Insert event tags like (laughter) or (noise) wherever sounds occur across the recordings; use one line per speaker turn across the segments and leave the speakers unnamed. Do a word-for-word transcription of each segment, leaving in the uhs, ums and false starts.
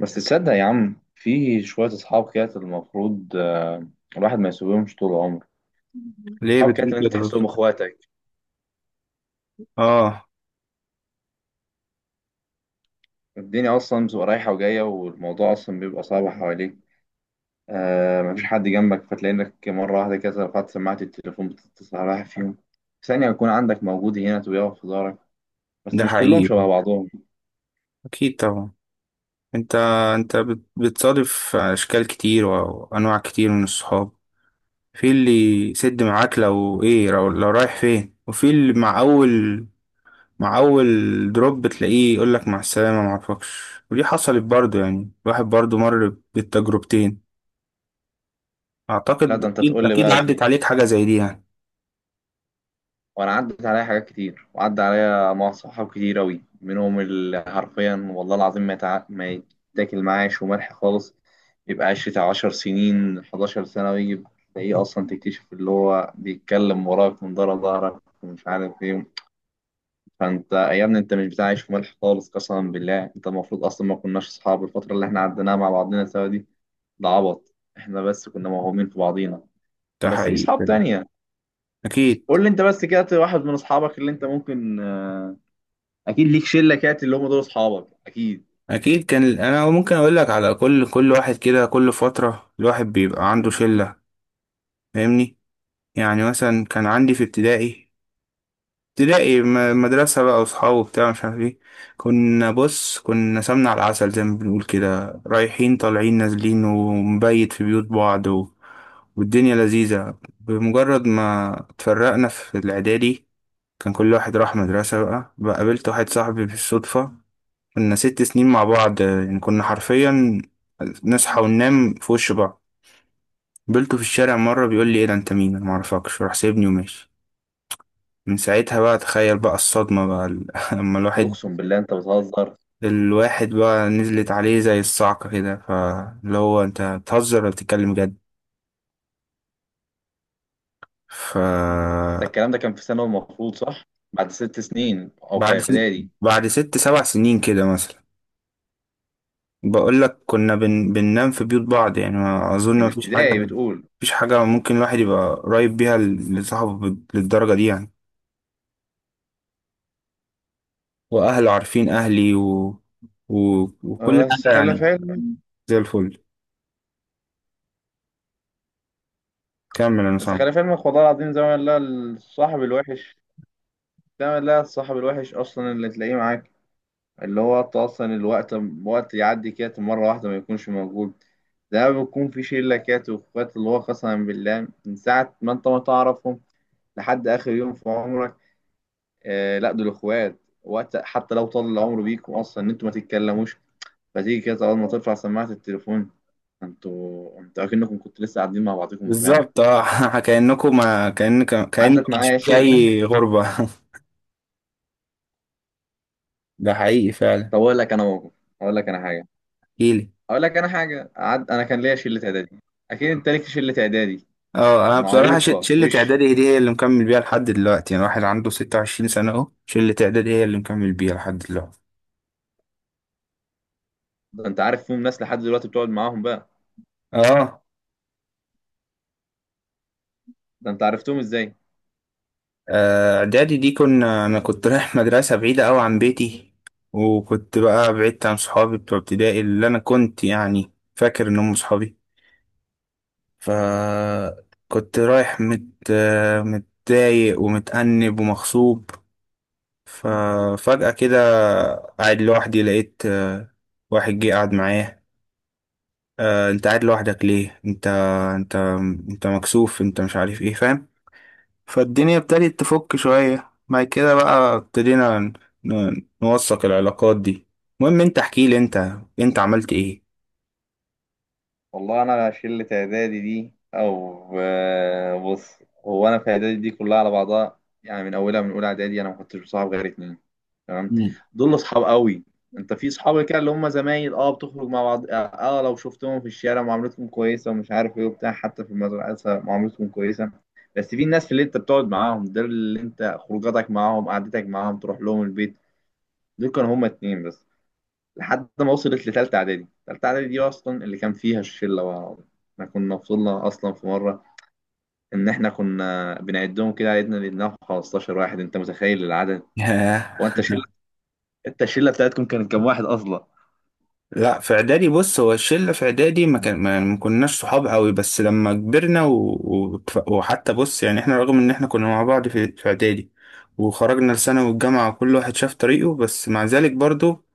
بس تصدق يا عم في شوية أصحاب كده المفروض آه، الواحد ما يسيبهمش طول عمره.
ليه
أصحاب كده
بتقول
اللي أنت
كده بس؟
تحسهم إخواتك.
اه.
الدنيا أصلا بتبقى رايحة وجاية، والموضوع أصلا بيبقى صعب حواليك. آه، مفيش حد جنبك، فتلاقي إنك مرة واحدة كده رفعت سماعة التليفون بتتصل على واحد فيهم، ثانية يكون عندك موجود هنا ويقف في ظهرك. بس
ده
مش كلهم
حقيقي.
شبه بعضهم.
اكيد طبعا. انت انت بت- بتصادف اشكال كتير وانواع كتير من الصحاب. في اللي يسد معاك لو ايه، لو, لو رايح فين، وفي اللي مع اول مع اول دروب بتلاقيه يقولك مع السلامة معرفكش. ودي حصلت برضو، يعني الواحد برضو مر بالتجربتين.
لا،
اعتقد
ده أنت تقول
اكيد
لي
اكيد
بقى.
عدت عليك حاجة زي دي يعني.
وانا عدت عليا حاجات كتير، وعدى عليا مع صحاب كتير اوي، منهم اللي حرفيا والله العظيم ما يتع... ما يتاكل معاه شو ملح خالص. يبقى عشرة، عشر سنين، حداشر سنة، ويجي تلاقيه أصلا تكتشف اللي هو بيتكلم وراك من ورا ظهرك ومش عارف ايه. فانت يا ابني انت مش بتاع عيش وملح خالص، قسما بالله انت المفروض اصلا ما كناش اصحاب الفترة اللي احنا عديناها مع بعضنا سوا دي. ده عبط، احنا بس كنا موهومين في بعضينا.
ده
بس في صحاب
حقيقي.
تانية. قول
اكيد.
لي انت بس كده واحد من اصحابك اللي انت ممكن، آه، اكيد ليك شله كانت اللي هم دول اصحابك اكيد.
اكيد كان ال- انا ممكن اقول لك على كل كل واحد، كده كل فتره الواحد بيبقى عنده شله، فاهمني؟ يعني مثلا كان عندي في ابتدائي ابتدائي م- مدرسه بقى واصحاب وبتاع مش عارف ايه. كنا، بص، كنا سمنه على العسل زي ما بنقول كده، رايحين طالعين نازلين ومبيت في بيوت بعض و... والدنيا لذيذه. بمجرد ما اتفرقنا في الاعدادي كان كل واحد راح مدرسه بقى. بقى قابلت واحد صاحبي بالصدفه، كنا ست سنين مع بعض يعني، كنا حرفيا نصحى وننام في وش بعض. قابلته في الشارع مرة بيقول لي ايه ده انت مين، انا معرفكش، راح سايبني وماشي. من ساعتها بقى تخيل بقى الصدمة بقى ال- (laughs) لما
قول،
الواحد،
اقسم بالله انت بتهزر؟
الواحد بقى نزلت عليه زي الصعقة كده، فاللي هو انت بتهزر ولا بتتكلم جد؟ ف
ده الكلام ده كان في ثانوي المفروض، صح؟ بعد ست سنين او في
بعد ست
اعدادي؟
بعد ست سبع سنين كده مثلا. بقول لك كنا بن... بننام في بيوت بعض، يعني ما اظن
من
مفيش حاجه،
ابتدائي بتقول؟
مفيش حاجه ممكن الواحد يبقى قريب بيها ل- لصاحبه بال- للدرجه دي يعني. واهله عارفين اهلي و... و... وكل
آه، بس
حاجه
خلي في
يعني.
علمك،
زي الفل. كمل انا
بس
سامع.
خلي في علمك والله العظيم زي ما لا الصاحب الوحش، زي ما لا الصاحب الوحش اصلا اللي تلاقيه معاك، اللي هو انت اصلا الوقت، وقت يعدي كده مره واحده ما يكونش موجود. ده بيكون في شله كده واخوات، اللي هو قسما بالله من ساعه ما انت ما تعرفهم لحد اخر يوم في عمرك. آه، لا دول اخوات. وقت حتى لو طال العمر بيكم اصلا ان انتوا ما تتكلموش، فتيجي كده اول ما ترفع سماعه التليفون، انتوا انتوا اكنكم كنتوا لسه قاعدين مع بعضكم امبارح.
بالظبط، اه. (laughs) كانكم، ما كان كانك
عدت
مش
معايا
في
شله.
اي غربه. (laughs) ده حقيقي فعلا.
طب اقول لك انا موقف، اقول لك انا حاجه.
احكيلي.
اقول لك انا حاجه عد... انا كان ليا شله اعدادي. اكيد انت ليك شله اعدادي.
اه،
آه،
انا بصراحه ش-
معروفه
شله
وش.
اعدادي دي هي اللي مكمل بيها لحد دلوقتي، يعني واحد عنده ستة وعشرين سنة سنه اهو، شله اعدادي هي اللي مكمل بيها لحد دلوقتي.
ده انت عارف فيهم ناس لحد دلوقتي بتقعد معاهم بقى؟
اه.
ده انت عرفتهم ازاي؟
آه، اعدادي دي كنا، انا كنت رايح (laughs) مدرسه بعيده قوي عن بيتي، وكنت بقى بعدت عن صحابي بتوع ابتدائي اللي انا كنت يعني فاكر ان هم صحابي. فكنت رايح مت آه، متضايق ومتأنب ومغصوب. ففجأة كده قاعد لوحدي لقيت آه، واحد جه قعد معايا. آه، انت قاعد لوحدك ليه؟ انت، انت انت مكسوف، انت مش عارف ايه، فاهم؟ فالدنيا ابتدت تفك شوية بعد كده، بقى ابتدينا ن- ن- نوثق العلاقات دي. المهم انت احكي لي، انت انت عملت ايه؟
والله انا شله اعدادي دي، او آه، بص، هو انا في اعدادي دي كلها على بعضها يعني من اولها، من اولى اعدادي انا ما كنتش بصاحب غير اتنين. تمام؟ دول اصحاب قوي. انت في صحاب كده اللي هم زمايل، اه، بتخرج مع بعض، اه، آه، لو شفتهم في الشارع معاملتهم كويسه ومش عارف ايه وبتاع، حتى في المدرسه معاملتهم كويسه. بس في الناس اللي انت بتقعد معاهم، دول اللي انت خروجاتك معاهم، قعدتك معاهم، تروح لهم البيت. دول كانوا هم اتنين بس، لحد ما وصلت لتالتة إعدادي. تالتة إعدادي دي أصلا اللي كان فيها الشلة بقى. العربية. احنا كنا وصلنا أصلا في مرة، إن احنا كنا بنعدهم كده، عدنا لقيناهم خمستاشر واحد. أنت متخيل العدد؟ هو
ياه.
أنت الشلة، أنت الشلة بتاعتكم كانت كام واحد أصلا؟
لا، في اعدادي بص، هو الشلة في اعدادي ما كان، ما ما كناش صحاب قوي، بس لما كبرنا و... وتف- وحتى، بص يعني، احنا رغم ان احنا كنا مع بعض في, في اعدادي وخرجنا لثانوي والجامعة وكل واحد شاف طريقه، بس مع ذلك برضو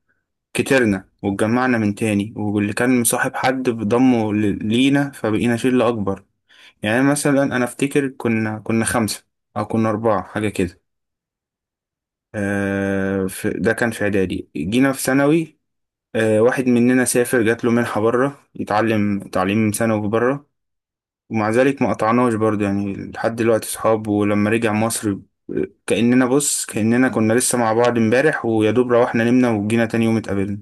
كترنا واتجمعنا من تاني، واللي كان مصاحب حد بضمه ل- لينا، فبقينا شلة اكبر. يعني مثلا انا افتكر كنا كنا خمسة، او كنا اربعة حاجة كده. آه، في ده كان في اعدادي، جينا في ثانوي، آه، واحد مننا سافر، جات له منحة بره يتعلم تعليم ثانوي بره، ومع ذلك ما قطعناش برضه يعني، لحد دلوقتي صحاب. ولما رجع مصر، آه، كأننا، بص، كأننا كنا لسه مع بعض امبارح، ويا دوب روحنا نمنا وجينا تاني يوم اتقابلنا.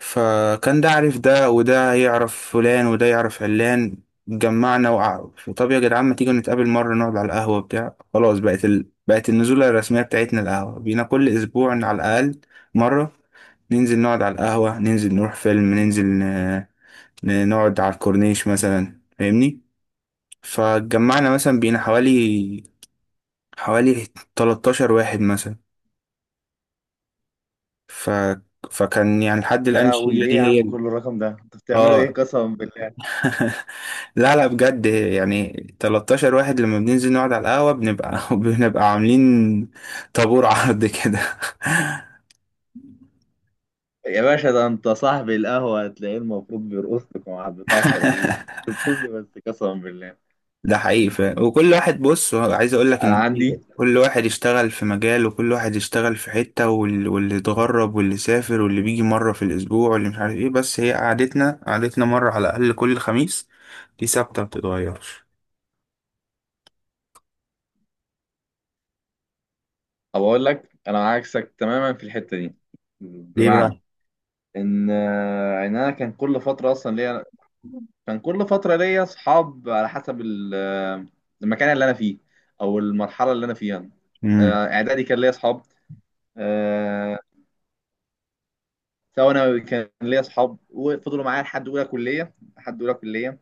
فكان ده عارف ده، وده يعرف فلان، وده يعرف علان، جمعنا. وقع- وطب يا جدعان ما تيجوا نتقابل مرة نقعد على القهوة بتاع. خلاص بقت ال... بقت النزولة الرسمية بتاعتنا القهوة، بينا كل أسبوع على الأقل مرة، ننزل نقعد على القهوة، ننزل نروح فيلم، ننزل ن- ن- نقعد على الكورنيش مثلا، فاهمني؟ فجمعنا مثلا بينا حوالي حوالي 13 واحد مثلا، ف... فكان يعني لحد
يا
الآن
لهوي،
الشلة
ليه يا
دي
عم
هي.
كل الرقم ده؟ انتوا بتعملوا ايه
اه.
قسما بالله؟
(laughs) لا لا، بجد يعني، 13 واحد لما بننزل نقعد على القهوة بنبقى (laughs) بنبقى عاملين طابور عرض كده.
يا باشا، ده أنت صاحب القهوة هتلاقيه المفروض بيرقص لكم على بتاع الترابيزة.
(laughs)
بتقول إيه بس قسما بالله؟
ده حقيقي فعلا. وكل واحد، بص، هو عايز اقول لك
أنا
ان
عندي،
في- كل واحد يشتغل في مجال، وكل واحد يشتغل في حتة، وال- واللي اتغرب، واللي سافر، واللي بيجي مرة في الاسبوع، واللي مش عارف ايه، بس هي قعدتنا قعدتنا مرة على الاقل كل خميس دي ثابتة ما بتتغيرش.
أو أقول لك أنا عكسك تماما في الحتة دي.
ليه
بمعنى،
بقى؟
ان آه، ان انا كان كل فتره اصلا ليا، كان كل فتره ليا اصحاب على حسب ال- آه، المكان اللي انا فيه، او المرحله اللي انا فيها.
مم.
آه، اعدادي كان ليا اصحاب. آه، ثانوي كان ليا اصحاب، وفضلوا معايا لحد اولى كليه. لحد اولى كليه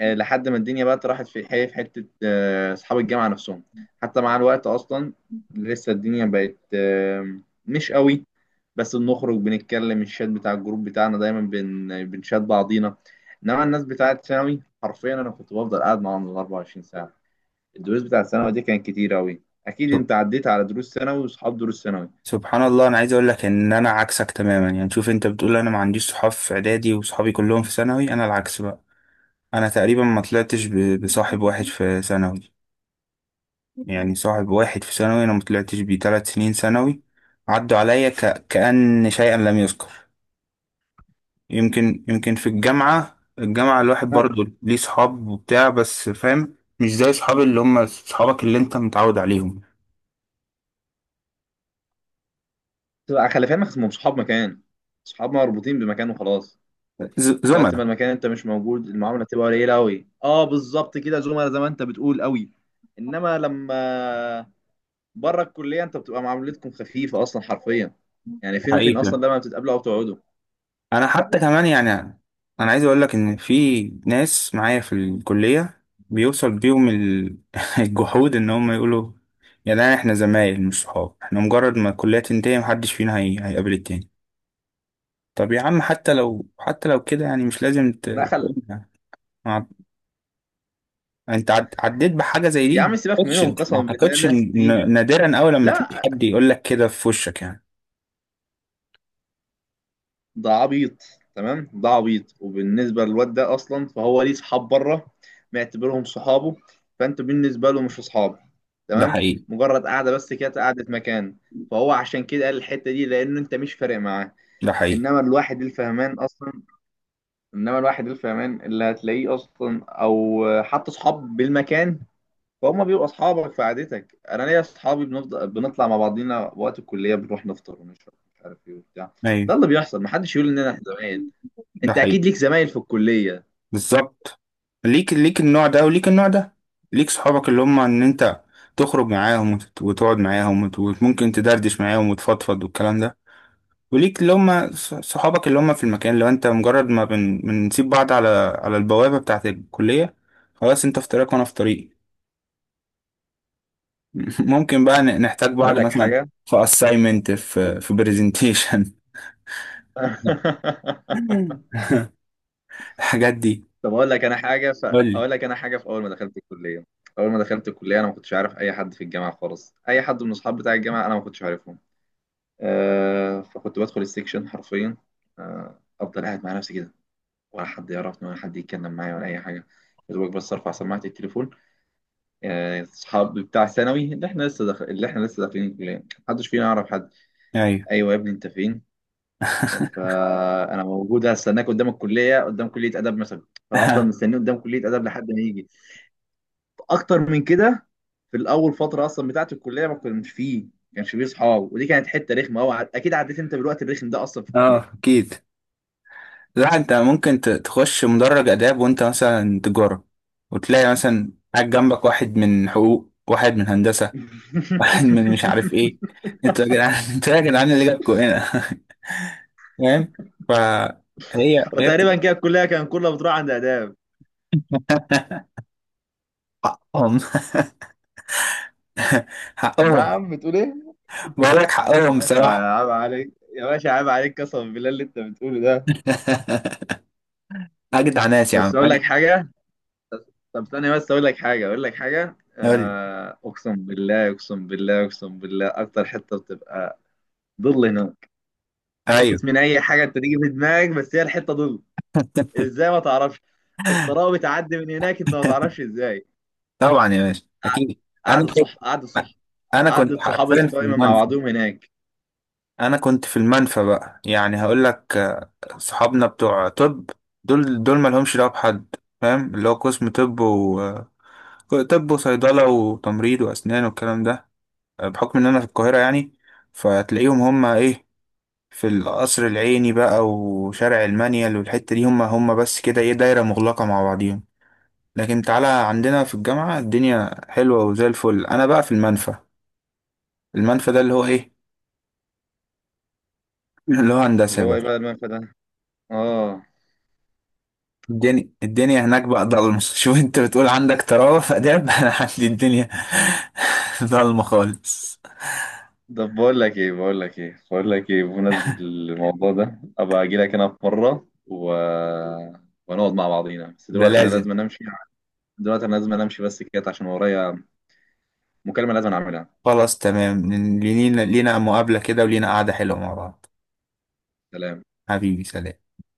آه، لحد ما الدنيا بقى راحت في حي، في حته، آه، اصحاب الجامعه نفسهم حتى مع الوقت اصلا لسه الدنيا بقت آه، مش قوي. بس بنخرج، بنتكلم، الشات بتاع الجروب بتاعنا دايما بن... بنشات بعضينا. انما الناس بتاعت ثانوي حرفيا انا كنت بفضل قاعد معاهم ال أربع وعشرين ساعه. الدروس بتاعت ثانوي دي كانت كتير قوي، اكيد انت عديت على دروس ثانوي واصحاب دروس ثانوي.
سبحان الله، انا عايز اقول لك ان انا عكسك تماما يعني، شوف، انت بتقول انا ما عنديش صحاب في اعدادي وصحابي كلهم في ثانوي، انا العكس بقى. انا تقريبا ما طلعتش ب- بصاحب واحد في ثانوي، يعني صاحب واحد في ثانوي انا ما طلعتش بيه ثلاث سنين ثانوي، عدوا عليا ك... كأن شيئا لم يذكر. يمكن، يمكن في الجامعة، الجامعة الواحد
لا،
برضه ليه صحاب وبتاع، بس فاهم، مش زي صحاب، اللي هم صحابك اللي انت متعود عليهم.
بتبقى خلي في علمك اسمهم صحاب مكان، صحاب مربوطين بمكان وخلاص.
ز...
وقت
زملاء.
ما المكان انت مش موجود، المعامله تبقى قليله قوي، اه بالظبط كده زملاء زي ما انت بتقول قوي. انما لما بره الكليه، انت بتبقى معاملتكم خفيفه اصلا حرفيا، يعني فين وفين
حقيقي.
اصلا لما بتتقابلوا او تقعدوا.
انا حتى كمان يعني، انا عايز اقول لك ان في ناس معايا في الكليه بيوصل بيهم ال- (laughs) الجحود ان هم يقولوا يا جدعان احنا زمايل مش صحاب، احنا مجرد ما الكليه تنتهي محدش فينا هي... هيقابل التاني. طب يا عم، حتى لو، حتى لو كده يعني، مش لازم ت... تقول
دخل.
يعني. ما- انت عد... عديت بحاجه زي
يا
دي؟ ما
عم سيبك
اعتقدش،
منهم
ما
قسما بالله
اعتقدش إن-
الناس دي.
نادرا قوي لما تلاقي
لا،
حد يقول لك كده في وشك يعني.
ده عبيط. تمام، ده عبيط. وبالنسبه للواد ده اصلا، فهو ليه صحاب بره، معتبرهم صحابه، فانت بالنسبه له مش اصحاب.
ده
تمام؟
حقيقي.
مجرد قاعده بس كده، قعده مكان، فهو عشان كده قال الحته دي لان انت مش فارق معاه.
ده حقيقي.
انما الواحد الفهمان اصلا، انما الواحد الفهمان اللي هتلاقيه اصلا، او حتى صحاب بالمكان، فهم بيبقوا اصحابك في عادتك. انا ليا اصحابي بنفضل بنطلع مع بعضينا وقت الكليه، بنروح نفطر ونشرب مش عارف ايه وبتاع. ده
ايوه.
اللي بيحصل، محدش يقول اننا إحنا زمايل.
ده
انت
حقيقي.
اكيد ليك زمايل في الكليه.
بالظبط. ليك ليك النوع ده وليك النوع ده، ليك صحابك اللي هم ان انت تخرج معاهم، وتت- وتقعد معاهم، وت- وممكن تدردش معاهم وتفضفض والكلام ده. وليك اللي هم ص- صحابك اللي هم في المكان، اللي هو انت مجرد ما بن... بنسيب بعض على على البوابة بتاعة الكلية خلاص، انت في طريقك وانا في طريقي. (laughs) ممكن بقى ن- نحتاج
اقول
بعض
لك
مثلا
حاجه.
في assignment، في في presentation،
(laughs)
(laughs) الحاجات دي.
طب اقول لك انا حاجه ف...
قول لي.
اقول لك انا حاجه. في اول ما دخلت الكليه، اول ما دخلت الكليه انا ما كنتش عارف اي حد في الجامعه خالص، اي حد من اصحاب بتاع الجامعه انا ما كنتش عارفهم. آه، فكنت بدخل السكشن حرفيا، آه، افضل قاعد مع نفسي كده، ولا حد يعرفني، ولا حد يتكلم معايا، ولا اي حاجه. يا دوبك بس ارفع سماعه التليفون. آه، اصحابي بتاع ثانوي اللي احنا لسه داخل، اللي احنا لسه داخلين الكليه محدش فينا يعرف حد.
ايوه.
ايوه يا ابني انت فين؟
(laughs)
فانا موجود هستناك قدام الكليه، قدام كليه اداب مثلا. فالافضل مستنيه قدام كليه اداب لحد ما يجي. اكتر من كده، في الاول فتره اصلا بتاعت الكليه، ما كناش فيه ما كانش فيه اصحاب، ودي كانت حته رخمه قوي. اكيد عديت انت بالوقت الرخم ده اصلا في
اه،
الكليه.
اكيد. لا، انت ممكن ت- تخش مدرج آداب وانت مثلا تجارة، وتلاقي مثلا قاعد جنبك واحد من حقوق، واحد من هندسة، (laughs) واحد من مش عارف ايه.
(laughs)
انتوا يا جدعان، (laughs) انتوا يا جدعان اللي جابكوا هنا! (laughs) فاهم؟ فهي هي
وتقريبا
بت...
كده الكليه كان كلها بتروح عند اداب.
(laughs) حقهم. (laughs) حقهم.
نعم، بتقول ايه؟
بقول لك
يا
حقهم
باشا
بصراحة.
عيب عليك، يا باشا عيب عليك قسما بالله اللي انت بتقوله ده.
(laughs) أجدع ناس يا
بس
عم،
اقول
أجدع.
لك حاجه. طب ثانيه بس، اقول لك حاجه، اقول لك حاجه
قول لي.
آه، اقسم بالله اقسم بالله اقسم بالله، اكتر حته بتبقى ضل هناك.
أيوه.
فكك من اي حاجه انت تيجي في دماغك، بس هي الحته ضل.
(laughs)
ازاي؟ ما تعرفش. الطراوه بتعدي من هناك، انت ما تعرفش ازاي.
طبعا يا باشا،
قع-
أكيد. أنا
قعدة صح،
كنت،
قعدة صح،
أنا
قعدة
كنت
صحابة
حرفيا في
قايمة مع
المنفى.
بعضهم هناك.
انا كنت في المنفى بقى، يعني هقول لك، آه، صحابنا بتوع طب، دول دول ما لهمش دعوه بحد، فاهم؟ اللي هو قسم طب، و، آه، طب، وصيدله، وتمريض، واسنان، والكلام ده. آه، بحكم ان انا في القاهره يعني، فتلاقيهم هم ايه، في القصر العيني بقى وشارع المنيل والحته دي، هم هم بس كده، ايه، دايره مغلقه مع بعضيهم. لكن تعالى عندنا في الجامعه الدنيا حلوه وزي الفل، انا بقى في المنفى. المنفى ده اللي هو ايه؟ (laughs) اللي هو
اللي
هندسه
هو
بقى.
ايه بقى المنفى ده؟ اه.
الدنيا الدنيا هناك بقى ضلمة. (laughs) شوف انت بتقول عندك طراوة في آداب، (laughs) انا عندي الدنيا (laughs) ضلمة خالص.
طب بقول لك ايه بقول لك ايه بقول لك ايه، بمناسبة الموضوع ده ابقى اجي لك انا في مرة و... ونقعد مع بعضينا. بس
ده
دلوقتي انا
لازم.
لازم أنا امشي. دلوقتي انا لازم أنا امشي بس كده عشان ورايا مكالمة لازم أنا اعملها.
خلاص تمام. لينا لينا مقابلة كده، ولينا قعدة حلوة مع بعض.
سلام.
حبيبي، سلام.